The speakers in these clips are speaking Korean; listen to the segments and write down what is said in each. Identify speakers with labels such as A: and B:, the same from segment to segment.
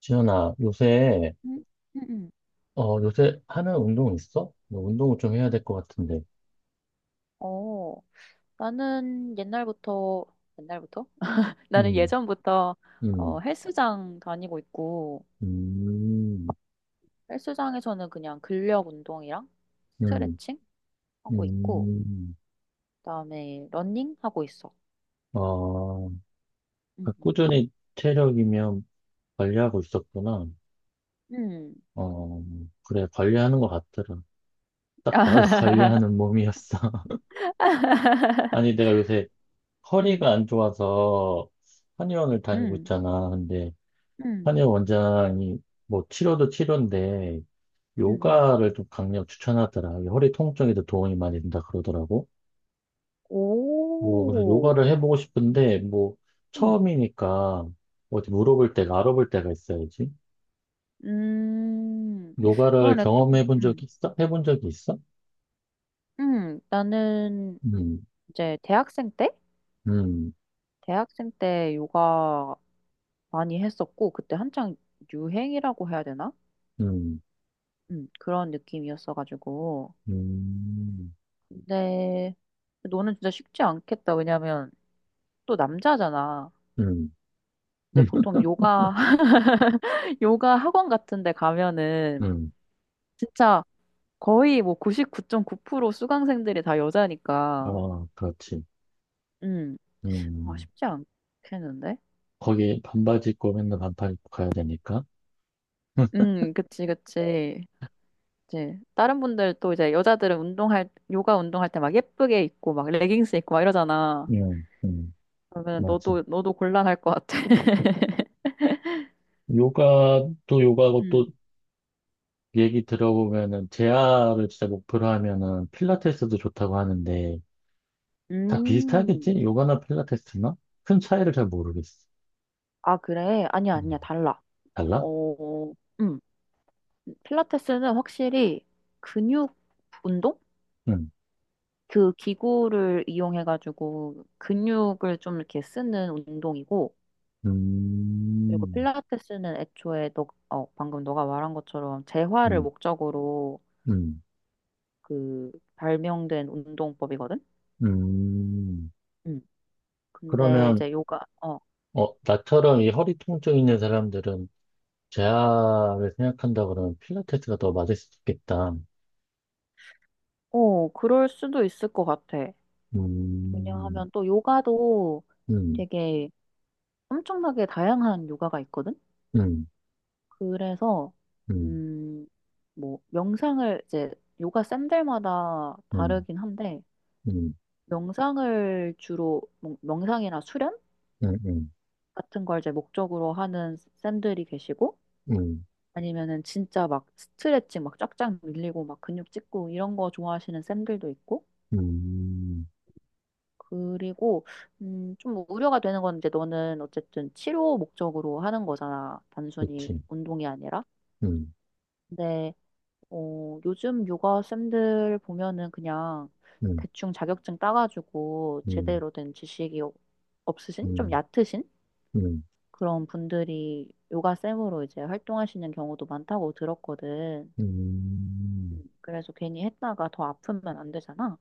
A: 지연아 요새,
B: 음, 음, 음.
A: 요새 하는 운동 있어? 너 운동을 좀 해야 될 것 같은데.
B: 어, 나는 옛날부터, 옛날부터? 나는
A: 음,
B: 예전부터
A: 음,
B: 헬스장 다니고 있고,
A: 음,
B: 헬스장에서는 그냥 근력 운동이랑
A: 음,
B: 스트레칭 하고 있고,
A: 음.
B: 그다음에 러닝 하고 있어.
A: 어, 그러니까
B: 음,
A: 꾸준히 체력이면 관리하고 있었구나.
B: 음.
A: 어, 그래, 관리하는 것 같더라. 딱 봐도 관리하는 몸이었어. 아니, 내가 요새
B: 음,
A: 허리가 안 좋아서 한의원을 다니고
B: 음,
A: 있잖아. 근데
B: 음,
A: 한의원 원장이 뭐 치료도 치료인데
B: 음, 음.
A: 요가를 좀 강력 추천하더라. 이게 허리 통증에도 도움이 많이 된다 그러더라고. 뭐, 그래서
B: 오,
A: 요가를 해보고 싶은데, 뭐,
B: 음,
A: 처음이니까 어디 물어볼 때가, 알아볼 때가 있어야지.
B: 음,
A: 요가를
B: 그러네, 또,
A: 경험해본 적이 있어? 해본 적이 있어?
B: 나는
A: 음,
B: 이제 대학생 때?
A: 음,
B: 대학생 때 요가 많이 했었고, 그때 한창 유행이라고 해야 되나?
A: 음,
B: 그런 느낌이었어가지고.
A: 음,
B: 근데 너는 진짜 쉽지 않겠다. 왜냐면 또 남자잖아.
A: 음,
B: 근데 보통 요가, 요가 학원 같은 데 가면은
A: 음.
B: 진짜 거의 뭐 99.9% 수강생들이 다 여자니까.
A: 어, 그렇지.
B: 음, 아,
A: 음.
B: 쉽지 않겠는데?
A: 거기 반바지 입고 맨날
B: 음,
A: 반팔 입고 가야 되니까.
B: 그치, 그치. 이제 다른 분들 또 이제 여자들은 운동할 요가 운동할 때 막 예쁘게 입고 막 레깅스 입고 막 이러잖아.
A: 음, 음,
B: 그러면
A: 맞아.
B: 너도 곤란할 것 같아.
A: 요가도 요가고 또
B: 음.
A: 얘기 들어보면은 재아를 진짜 목표로 하면은 필라테스도 좋다고 하는데 다
B: 음.
A: 비슷하겠지? 요가나 필라테스나? 큰 차이를 잘 모르겠어.
B: 아, 그래? 아니야,
A: 음,
B: 아니야, 달라.
A: 달라?
B: 어, 음. 필라테스는 확실히 근육 운동?
A: 응.
B: 그 기구를 이용해가지고 근육을 좀 이렇게 쓰는 운동이고, 그리고
A: 음,
B: 필라테스는 애초에 방금 너가 말한 것처럼 재활을
A: 음,
B: 목적으로
A: 음,
B: 그 발명된 운동법이거든?
A: 음.
B: 음. 근데
A: 그러면
B: 이제
A: 어 나처럼 이 허리 통증 있는 사람들은 재아를 생각한다 그러면 필라테스가 더 맞을 수 있겠다.
B: 그럴 수도 있을 것 같아.
A: 음,
B: 왜냐하면 또 요가도
A: 음,
B: 되게 엄청나게 다양한 요가가 있거든?
A: 음,
B: 그래서,
A: 음,
B: 음, 뭐, 명상을 이제 요가 쌤들마다
A: 음,
B: 다르긴 한데,
A: 음,
B: 명상을 주로, 뭐 명상이나 수련
A: 음, 음,
B: 같은 걸 이제 목적으로 하는 쌤들이 계시고,
A: 음,
B: 아니면은 진짜 막 스트레칭 막 쫙쫙 밀리고 막 근육 찍고 이런 거 좋아하시는 쌤들도 있고,
A: 음,
B: 그리고 좀 우려가 되는 건, 이제 너는 어쨌든 치료 목적으로 하는 거잖아, 단순히
A: 그치.
B: 운동이 아니라.
A: 음.
B: 근데 요즘 요가 쌤들 보면은 그냥
A: 음,
B: 대충 자격증 따가지고
A: 음,
B: 제대로 된 지식이 없으신, 좀
A: 음,
B: 얕으신
A: 음,
B: 그런 분들이 요가 쌤으로 이제 활동하시는 경우도 많다고 들었거든.
A: 음.
B: 그래서 괜히 했다가 더 아프면 안 되잖아.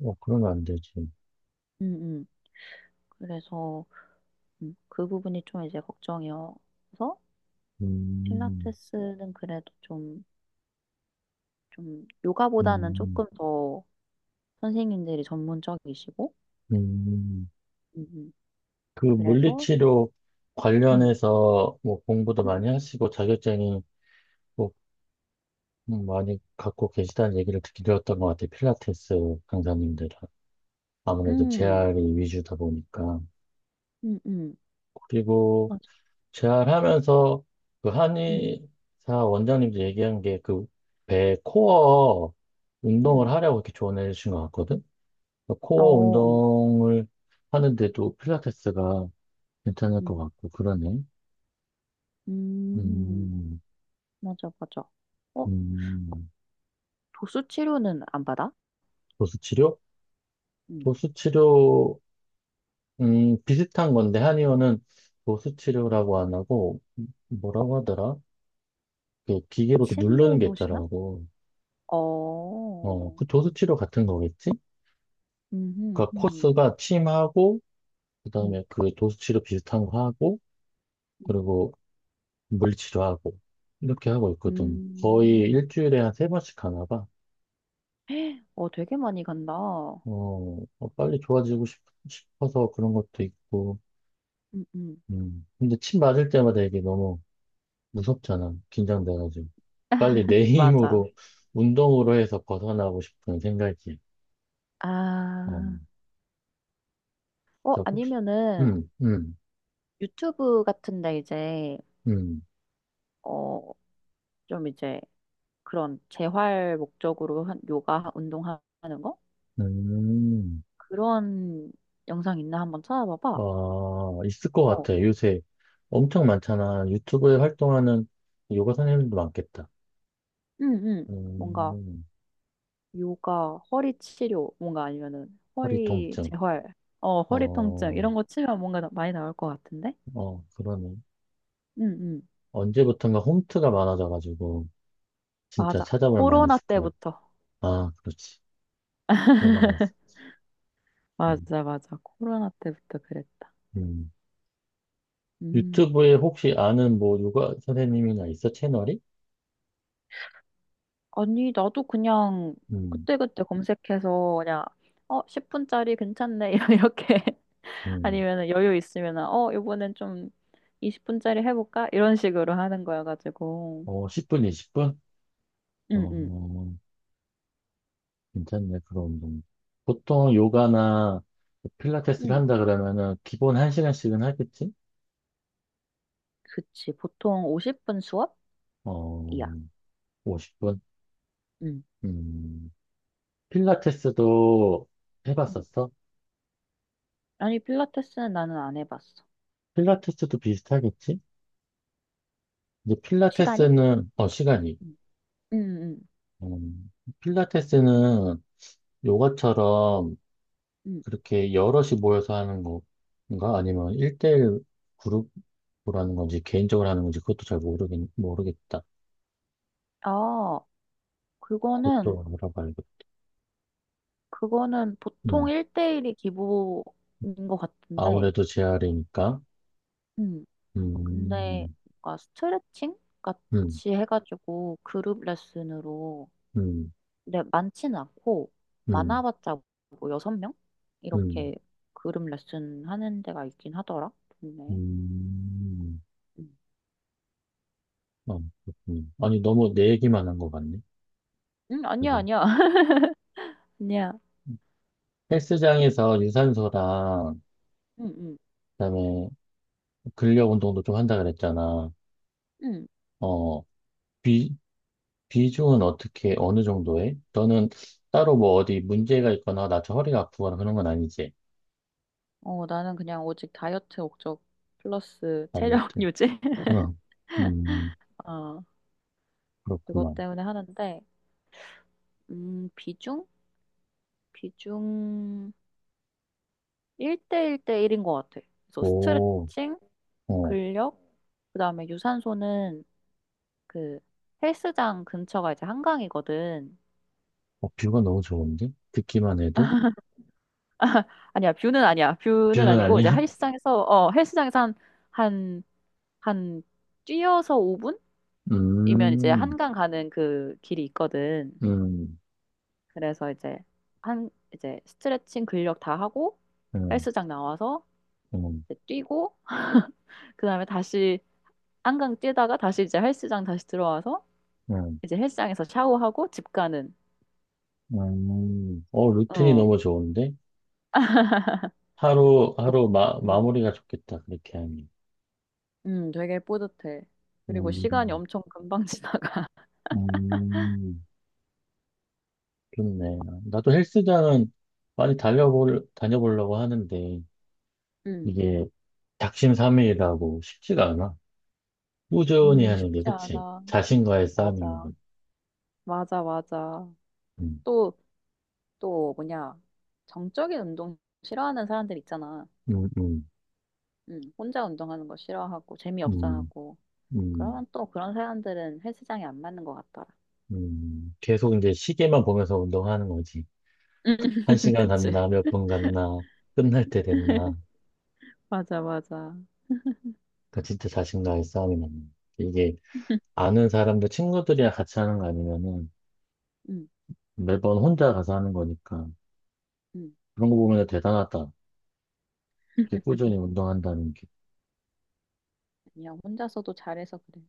A: 어, 그러면 안 되지.
B: 응, 그래서 그 부분이 좀 이제 걱정이어서,
A: 음,
B: 필라테스는 그래도 좀 요가보다는
A: 음,
B: 조금 더 선생님들이 전문적이시고.
A: 음.
B: 응, 응,
A: 그
B: 그래서.
A: 물리치료
B: 응,
A: 관련해서 뭐 공부도
B: 음,
A: 많이 하시고 자격증이 또 많이 갖고 계시다는 얘기를 듣기 들었던 것 같아요. 필라테스 강사님들은. 아무래도
B: 음,
A: 재활이 위주다 보니까.
B: 응, 응,
A: 그리고
B: 맞아.
A: 재활하면서 그
B: 응,
A: 한의사 원장님도 얘기한 게 그 배 코어
B: 응,
A: 운동을 하려고 이렇게 조언해 주신 것 같거든? 그 코어
B: 어,
A: 운동을 하는데도 필라테스가 괜찮을
B: 응,
A: 것 같고, 그러네.
B: 음,
A: 음,
B: 맞아, 맞아. 어,
A: 음,
B: 도수 치료는 안 받아?
A: 도수치료?
B: 응.
A: 도수치료, 비슷한 건데, 한의원은 도수치료라고 안 하고, 뭐라고 하더라? 그 기계로 이렇게 누르는
B: 침을
A: 게
B: 놓으시나?
A: 있더라고.
B: 어,
A: 어, 그 도수치료 같은 거겠지?
B: 음, 음,
A: 그러니까
B: 음.
A: 코스가 침하고
B: 음.
A: 그다음에 그 도수치료 비슷한 거 하고 그리고 물리치료하고 이렇게 하고 있거든. 거의
B: 음.
A: 일주일에 한 세 번씩 하나 봐.
B: 어, 되게 많이 간다.
A: 어, 어, 빨리 싶어서 그런 것도 있고.
B: 음, 음.
A: 음. 근데 침 맞을 때마다 이게 너무 무섭잖아. 긴장돼가지고. 빨리 내
B: 맞아.
A: 힘으로 운동으로 해서 벗어나고 싶은 생각이. 어,
B: 아,
A: 자, 혹시
B: 아니면은
A: 음, 음,
B: 유튜브 같은데 이제,
A: 음,
B: 어, 좀 이제 그런 재활 목적으로 한 요가 운동하는 거?
A: 음.
B: 그런 영상 있나 한번
A: 아,
B: 찾아봐봐.
A: 있을 것
B: 어,
A: 같아. 요새 엄청 많잖아. 유튜브에 활동하는 요가 선생님도 많겠다.
B: 응, 응. 뭔가
A: 음,
B: 요가, 허리 치료, 뭔가 아니면은
A: 허리
B: 허리
A: 통증.
B: 재활, 허리 통증,
A: 어,
B: 이런 거 치면 뭔가 많이 나올 것 같은데?
A: 어, 그러네.
B: 응, 응.
A: 언제부턴가 홈트가 많아져가지고 진짜
B: 맞아.
A: 찾아볼 많이
B: 코로나
A: 있을 것 같아.
B: 때부터.
A: 아, 그렇지. 코로나가 있어. 음,
B: 맞아, 맞아. 코로나 때부터 그랬다.
A: 음.
B: 음.
A: 유튜브에 혹시 아는 뭐 요가 선생님이나 있어? 채널이?
B: 아니, 나도 그냥
A: 음,
B: 그때그때 검색해서 그냥 10분짜리 괜찮네. 이렇게,
A: 음.
B: 아니면은 여유 있으면은 이번엔 좀 20분짜리 해 볼까? 이런 식으로 하는 거여 가지고.
A: 어, 10분, 20분?
B: 응,
A: 어,
B: 응.
A: 괜찮네, 그런 운동. 보통 요가나 필라테스를
B: 응,
A: 한다 그러면은 기본 한시간씩은 하겠지?
B: 그치. 보통 50분 수업이야.
A: 어, 50분?
B: 응,
A: 음, 필라테스도
B: 응.
A: 해봤었어?
B: 아니, 필라테스는 나는 안 해봤어.
A: 필라테스도 비슷하겠지? 이제
B: 시간이?
A: 필라테스는, 어, 시간이.
B: 응응, 응,
A: 음, 필라테스는 요가처럼
B: 응,
A: 그렇게 여럿이 모여서 하는 건가? 아니면 일대일 그룹으로 하는 건지, 개인적으로 하는 건지, 그것도 잘 모르겠다.
B: 아, 그거는
A: 그것도 알아봐야겠다.
B: 그거는 보통
A: 음.
B: 1대1이 기본인 것 같은데.
A: 아무래도 재활이니까.
B: 음. 근데
A: 음,
B: 뭔가 스트레칭
A: 음,
B: 같이 해가지고 그룹 레슨으로,
A: 음,
B: 근데 많지는 않고,
A: 음,
B: 많아봤자 뭐 6명?
A: 음,
B: 이렇게 그룹 레슨 하는 데가 있긴 하더라, 동네에.
A: 음.
B: 음.
A: 아, 그렇군요. 아니, 너무 내 얘기만 한 것 같네.
B: 응, 아니야,
A: 여기.
B: 아니야. 아니야.
A: 헬스장에서 유산소랑,
B: 응, 응,
A: 그다음에 근력 운동도 좀 한다 그랬잖아.
B: 응.
A: 어, 비, 비중은 어떻게, 어느 정도 해? 너는 따로 뭐 어디 문제가 있거나 나처럼 허리가 아프거나 그런 건 아니지?
B: 어, 나는 그냥 오직 다이어트 목적 플러스 체력
A: 아무튼.
B: 유지?
A: 응. 음,
B: 어, 그것
A: 그렇구만.
B: 때문에 하는데. 비중? 비중 1대1대1인 것 같아. 그래서
A: 오,
B: 스트레칭,
A: 어,
B: 근력, 그다음에 유산소는 그 헬스장 근처가 이제 한강이거든.
A: 어, 뷰가 너무 좋은데? 듣기만 해도?
B: 아니야, 뷰는 아니야. 뷰는
A: 뷰는
B: 아니고, 이제
A: 아니야?
B: 헬스장에서 한, 한 뛰어서 5분이면 이제
A: 음,
B: 한강 가는 그 길이 있거든.
A: 음,
B: 그래서 이제 한 이제 스트레칭 근력 다 하고
A: 음,
B: 헬스장 나와서
A: 음,
B: 이제 뛰고, 그다음에 다시 한강 뛰다가 다시 이제 헬스장 다시 들어와서
A: 음,
B: 이제 헬스장에서 샤워하고 집 가는.
A: 어, 루틴이
B: 어.
A: 너무 좋은데? 하루,
B: 음.
A: 마무리가 좋겠다, 그렇게 하니.
B: 되게 뿌듯해. 그리고 시간이
A: 음,
B: 엄청 금방 지나가.
A: 음, 좋네. 나도 헬스장은 다녀보려고 하는데,
B: 음.
A: 이게 작심삼일이라고 쉽지가 않아. 꾸준히 하는 게,
B: 쉽지
A: 그치?
B: 않아.
A: 자신과의 싸움인
B: 맞아.
A: 거.
B: 맞아, 맞아.
A: 음,
B: 또, 또 뭐냐. 정적인 운동 싫어하는 사람들 있잖아.
A: 음, 음,
B: 혼자 운동하는 거 싫어하고 재미없어
A: 음,
B: 하고.
A: 음,
B: 그러면 또 그런 사람들은 헬스장에 안 맞는 것 같더라.
A: 계속 이제 시계만 보면서 운동하는 거지.
B: 음,
A: 한 시간
B: 그치.
A: 갔나, 몇 분 갔나, 끝날 때 됐나.
B: 맞아, 맞아.
A: 그러니까 진짜 자신과의 싸움이 났네. 이게 아는 사람들, 친구들이랑 같이 하는 거 아니면은
B: 음,
A: 매번 혼자 가서 하는 거니까.
B: 음.
A: 그런 거 보면 대단하다. 이렇게 꾸준히 운동한다는 게.
B: 그냥 혼자서도 잘해서 그래.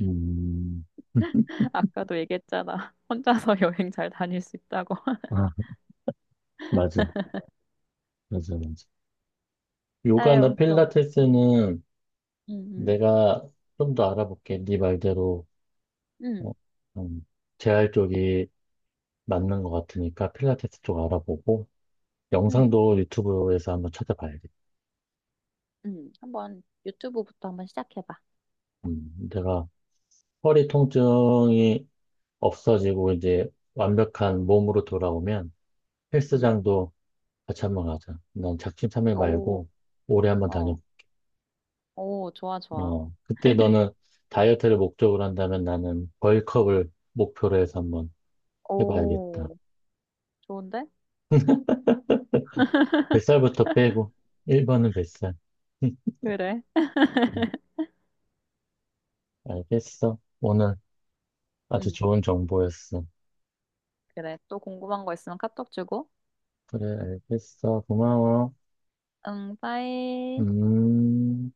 A: 음,
B: 아까도 얘기했잖아. 혼자서 여행 잘 다닐 수 있다고.
A: 아, 맞아. 맞아, 맞아. 요가나
B: 아유, 그런 거지. 응,
A: 필라테스는
B: 응,
A: 내가 좀 더 알아볼게. 네 말대로,
B: 응,
A: 어, 음, 재활 쪽이 맞는 것 같으니까 필라테스 쪽 알아보고,
B: 응,
A: 영상도 유튜브에서 한번 찾아봐야겠다.
B: 응. 한번 유튜브부터 한번 시작해봐.
A: 내가 허리 통증이 없어지고 이제 완벽한 몸으로 돌아오면
B: 응.
A: 헬스장도 같이 한번 가자. 난 작심삼일
B: 오,
A: 말고 올해 한번 다녀.
B: 어, 오, 좋아, 좋아.
A: 어, 그때 너는 다이어트를 목적으로 한다면 나는 벌크업을 목표로 해서 한번 해봐야겠다.
B: 오, 좋은데?
A: 뱃살부터 빼고 1번은 뱃살.
B: 그래.
A: 알겠어. 오늘 아주
B: 응,
A: 좋은 정보였어.
B: 그래. 또 궁금한 거 있으면 카톡 주고.
A: 그래, 알겠어. 고마워.
B: 응, 빠이.
A: 음.